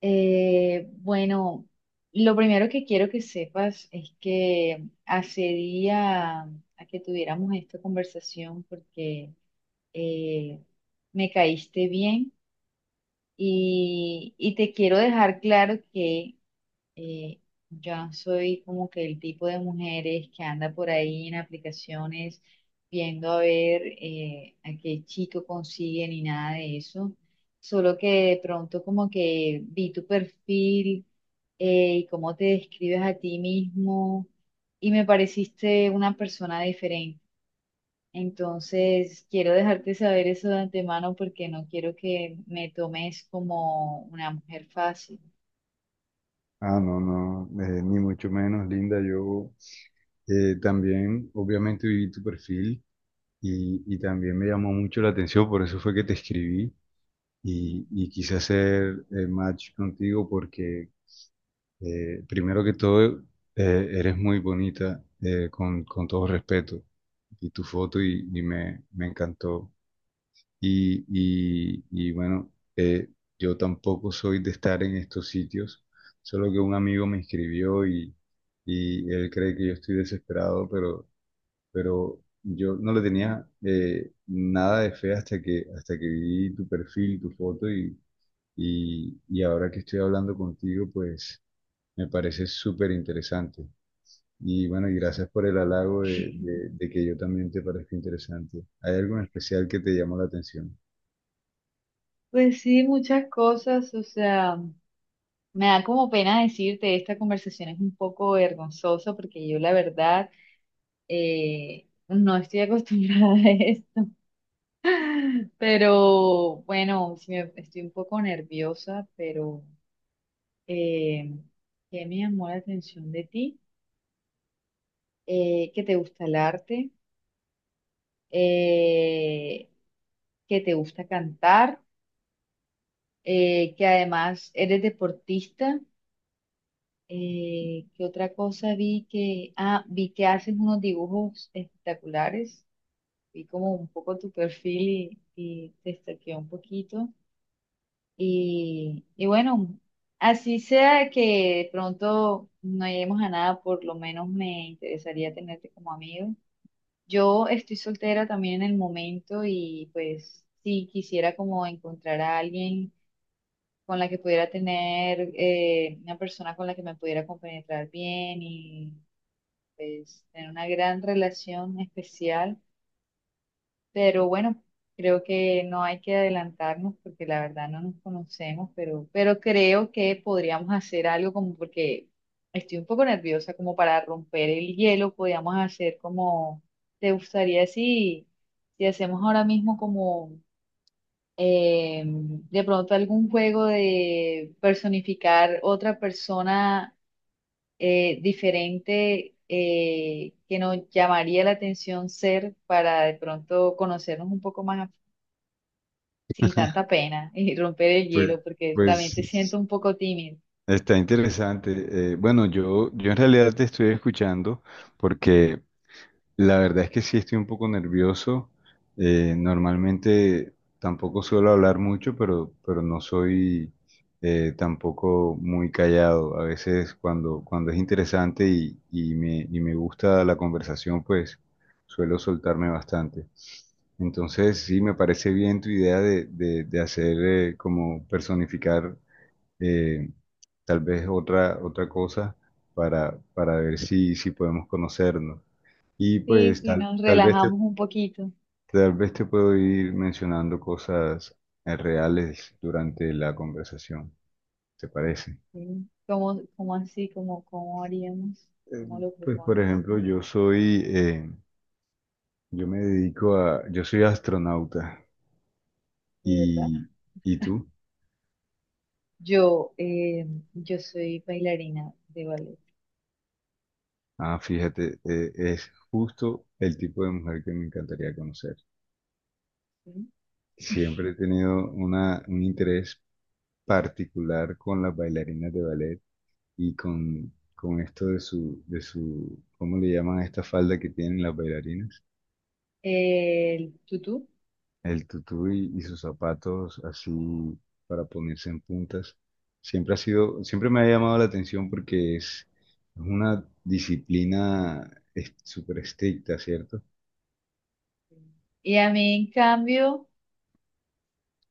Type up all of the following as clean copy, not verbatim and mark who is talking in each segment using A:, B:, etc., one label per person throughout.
A: Eh, bueno, lo primero que quiero que sepas es que accedía a que tuviéramos esta conversación porque eh, me caíste bien y te quiero dejar claro que eh, ya soy como que el tipo de mujeres que anda por ahí en aplicaciones viendo a ver a qué chico consigue ni nada de eso. Solo que de pronto como que vi tu perfil y cómo te describes a ti mismo y me pareciste una persona diferente. Entonces, quiero dejarte saber eso de antemano porque no quiero que me tomes como una mujer fácil.
B: Ah, no, no, ni mucho menos, Linda. Yo también, obviamente, vi tu perfil y también me llamó mucho la atención, por eso fue que te escribí y quise hacer match contigo porque, primero que todo, eres muy bonita, con todo respeto, y tu foto y, y me encantó. Y bueno, yo tampoco soy de estar en estos sitios, solo que un amigo me escribió y él cree que yo estoy desesperado, pero yo no le tenía nada de fe hasta que vi tu perfil, tu foto y ahora que estoy hablando contigo, pues me parece súper interesante. Y bueno, y gracias por el halago de, de que yo también te parezca interesante. ¿Hay algo en especial que te llamó la atención?
A: Pues sí, muchas cosas, o sea, me da como pena decirte, esta conversación es un poco vergonzosa porque yo la verdad no estoy acostumbrada a esto, pero bueno, estoy un poco nerviosa, pero eh, ¿qué me llamó la atención de ti? Que te gusta el arte, eh, que te gusta cantar, que además eres deportista. ¿Qué otra cosa vi que, ah, vi que haces unos dibujos espectaculares, vi como un poco tu perfil y te stalkeé un poquito. Y bueno, así sea que de pronto no lleguemos a nada, por lo menos me interesaría tenerte como amigo. Yo estoy soltera también en el momento y pues sí quisiera como encontrar a alguien con la que pudiera tener una persona con la que me pudiera compenetrar bien y pues tener una gran relación especial, pero bueno, creo que no hay que adelantarnos porque la verdad no nos conocemos, pero creo que podríamos hacer algo como porque estoy un poco nerviosa, como para romper el hielo, podríamos hacer como, ¿te gustaría si, si hacemos ahora mismo como... de pronto algún juego de personificar otra persona diferente que nos llamaría la atención ser para de pronto conocernos un poco más sin tanta pena y romper el
B: Pues,
A: hielo, porque también te
B: pues
A: siento un poco tímido?
B: está interesante. Bueno, yo en realidad te estoy escuchando porque la verdad es que sí estoy un poco nervioso. Normalmente tampoco suelo hablar mucho, pero no soy tampoco muy callado. A veces cuando es interesante y, y me gusta la conversación, pues suelo soltarme bastante. Entonces, sí, me parece bien tu idea de hacer como personificar, eh, tal vez otra cosa para ver si, si podemos conocernos. Y
A: Sí,
B: pues
A: sí, nos relajamos un poquito.
B: tal vez te puedo ir mencionando cosas reales durante la conversación, ¿te parece?
A: Sí. ¿Cómo, cómo así? ¿Cómo, cómo haríamos?
B: Eh,
A: ¿Cómo lo
B: Pues por
A: propones?
B: ejemplo, yo me dedico a, yo soy astronauta
A: ¿De verdad?
B: y, ¿y tú?
A: Yo, eh, yo soy bailarina de ballet,
B: Ah, fíjate, es justo el tipo de mujer que me encantaría conocer.
A: ¿sí?
B: Siempre he tenido una, un interés particular con las bailarinas de ballet y con esto de su, ¿cómo le llaman a esta falda que tienen las bailarinas?
A: El tutú.
B: El tutú y sus zapatos así para ponerse en puntas. Siempre ha sido, siempre me ha llamado la atención porque es una disciplina es- súper estricta, ¿cierto?
A: Y a mí, en cambio,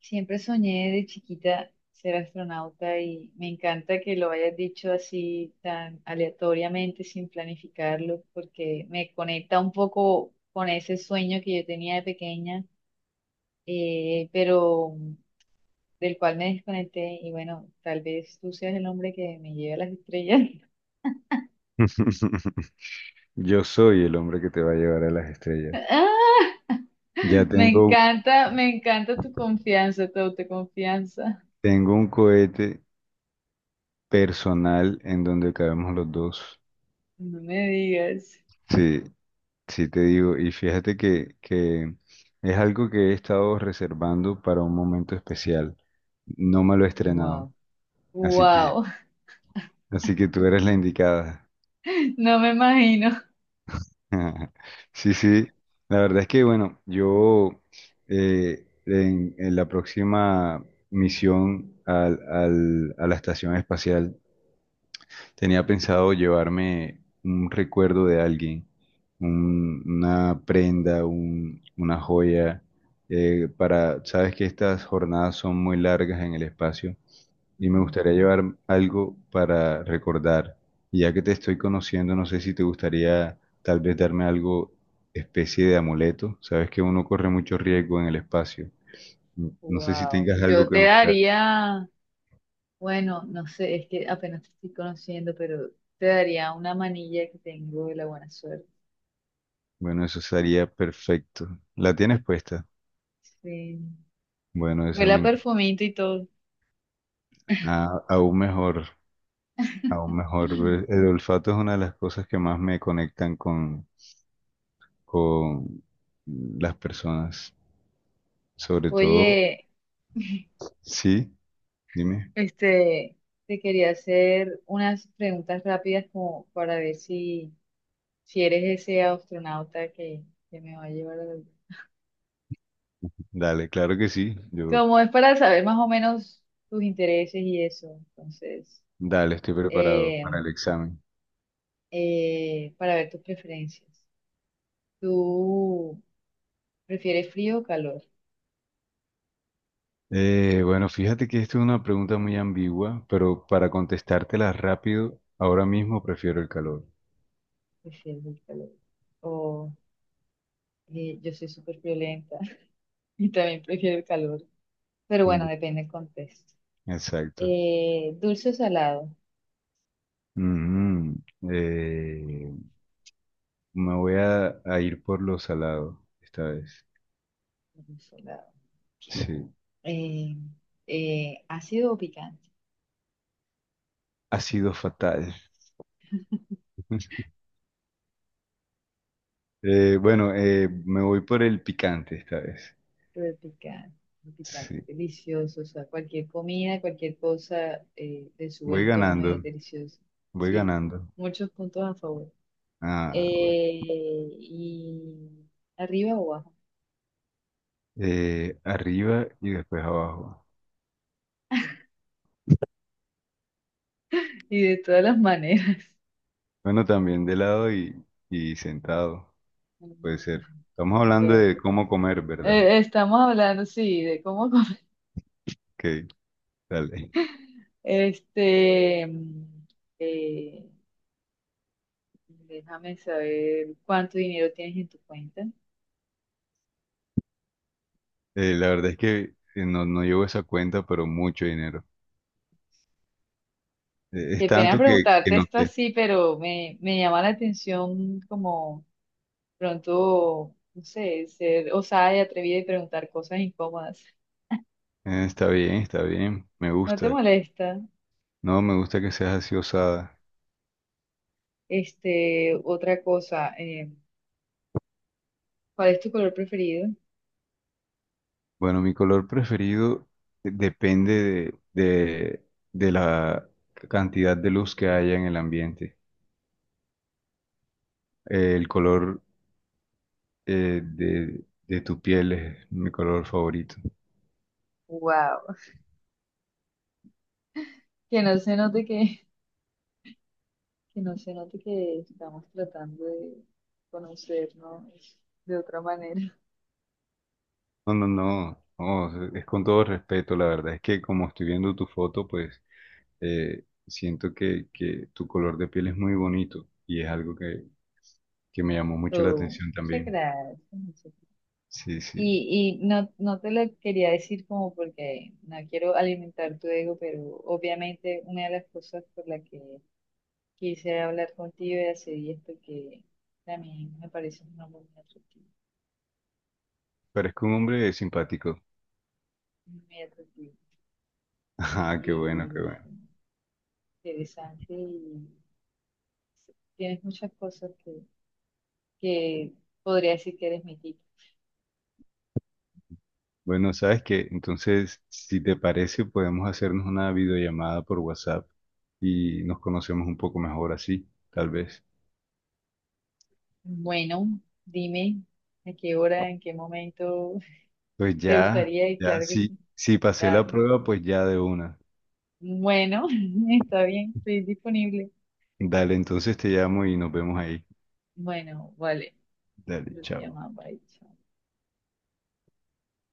A: siempre soñé de chiquita ser astronauta y me encanta que lo hayas dicho así tan aleatoriamente, sin planificarlo, porque me conecta un poco con ese sueño que yo tenía de pequeña, pero del cual me desconecté y bueno, tal vez tú seas el hombre que me lleve a las estrellas.
B: Yo soy el hombre que te va a llevar a las estrellas.
A: ¡Ah!
B: Ya tengo,
A: Me encanta tu confianza, tu autoconfianza.
B: tengo un cohete personal en donde cabemos los dos.
A: No me digas.
B: Sí, sí te digo, y fíjate que es algo que he estado reservando para un momento especial. No me lo he estrenado,
A: Wow.
B: así que,
A: Wow.
B: así que tú eres la indicada.
A: No me imagino.
B: Sí, sí, la verdad es que, bueno, yo en la próxima misión a la estación espacial, tenía pensado llevarme un recuerdo de alguien, una prenda, una joya, para, sabes que estas jornadas son muy largas en el espacio y me gustaría llevar algo para recordar. Y ya que te estoy conociendo, no sé si te gustaría tal vez darme algo, especie de amuleto. Sabes que uno corre mucho riesgo en el espacio. No sé si
A: Wow,
B: tengas algo
A: yo
B: que
A: te
B: me pueda-
A: daría, bueno, no sé, es que apenas te estoy conociendo, pero te daría una manilla que tengo de la buena suerte.
B: Bueno, eso sería perfecto. ¿La tienes puesta?
A: Sí.
B: Bueno, esa
A: Huele a
B: me...
A: perfumito y todo.
B: Ah, aún mejor, aún mejor. El olfato es una de las cosas que más me conectan con las personas. Sobre todo,
A: Oye,
B: sí, dime,
A: este, te quería hacer unas preguntas rápidas como para ver si, si eres ese astronauta que me va a llevar a la luna.
B: dale, claro que sí. Yo,
A: Como es para saber más o menos tus intereses y eso. Entonces,
B: dale, estoy preparado
A: eh,
B: para el examen.
A: para ver tus preferencias. ¿Tú prefieres frío o calor?
B: Bueno, fíjate que esta es una pregunta muy ambigua, pero para contestártela rápido, ahora mismo prefiero el calor.
A: Prefiero el calor. O yo soy súper violenta y también prefiero el calor. Pero bueno,
B: Mm,
A: depende del contexto.
B: exacto.
A: ¿Dulce o salado?
B: Mm, eh, me voy a ir por lo salado esta vez.
A: Dulce o salado. Ok.
B: Sí.
A: Eh, ¿Ácido o picante?
B: Ha sido fatal. Bueno, me voy por el picante esta vez.
A: Pero picante, picante,
B: Sí,
A: delicioso. O sea, cualquier comida, cualquier cosa, le sube
B: voy
A: el tono y es
B: ganando,
A: delicioso.
B: voy
A: Sí,
B: ganando.
A: muchos puntos a favor.
B: Ah, bueno.
A: Y arriba o abajo,
B: Arriba y después abajo.
A: y de todas las maneras.
B: Bueno, también de lado y sentado,
A: Mm.
B: puede ser. Estamos hablando
A: Ya.
B: de cómo comer, ¿verdad?
A: Estamos hablando, sí, de cómo comer.
B: Ok, dale.
A: Este, mm, eh, déjame saber cuánto dinero tienes en tu cuenta.
B: La verdad es que no, no llevo esa cuenta, pero mucho dinero. Es
A: Qué pena
B: tanto que
A: preguntarte
B: no
A: esto
B: sé.
A: así, pero me llama la atención como pronto, no sé, ser osada y atrevida y preguntar cosas incómodas.
B: Está bien, me
A: No te
B: gusta.
A: molesta.
B: No, me gusta que seas así osada.
A: Este, otra cosa, ¿cuál es tu color preferido?
B: Bueno, mi color preferido depende de, de- de la cantidad de luz que haya en el ambiente. El color de tu piel es mi color favorito.
A: Wow. Que no se note que no se note que estamos tratando de conocernos de otra manera.
B: No, no, no, no, es con todo respeto, la verdad es que como estoy viendo tu foto, pues siento que tu color de piel es muy bonito y es algo que me llamó mucho la
A: Oh,
B: atención
A: muchas
B: también.
A: gracias. Muchas gracias.
B: Sí, sí,
A: Y no, no te lo quería decir como porque no quiero alimentar tu ego, pero obviamente una de las cosas por la que quise hablar contigo y hacer esto que también me parece un hombre
B: parezco un hombre simpático.
A: muy atractivo
B: Ah, qué bueno, qué
A: y
B: bueno.
A: sí, interesante y tienes muchas cosas que podría decir que eres mi tipo.
B: Bueno, sabes que entonces, si te parece, podemos hacernos una videollamada por WhatsApp y nos conocemos un poco mejor así, tal vez.
A: Bueno, dime a qué hora, en qué momento
B: Pues
A: te
B: ya,
A: gustaría y
B: ya,
A: claro que
B: si,
A: sí,
B: si pasé la
A: dale.
B: prueba, pues ya de una.
A: Bueno, está bien, estoy disponible.
B: Dale, entonces te llamo y nos vemos ahí.
A: Bueno, vale,
B: Dale,
A: pero te
B: chao.
A: llamaba, bye, chao.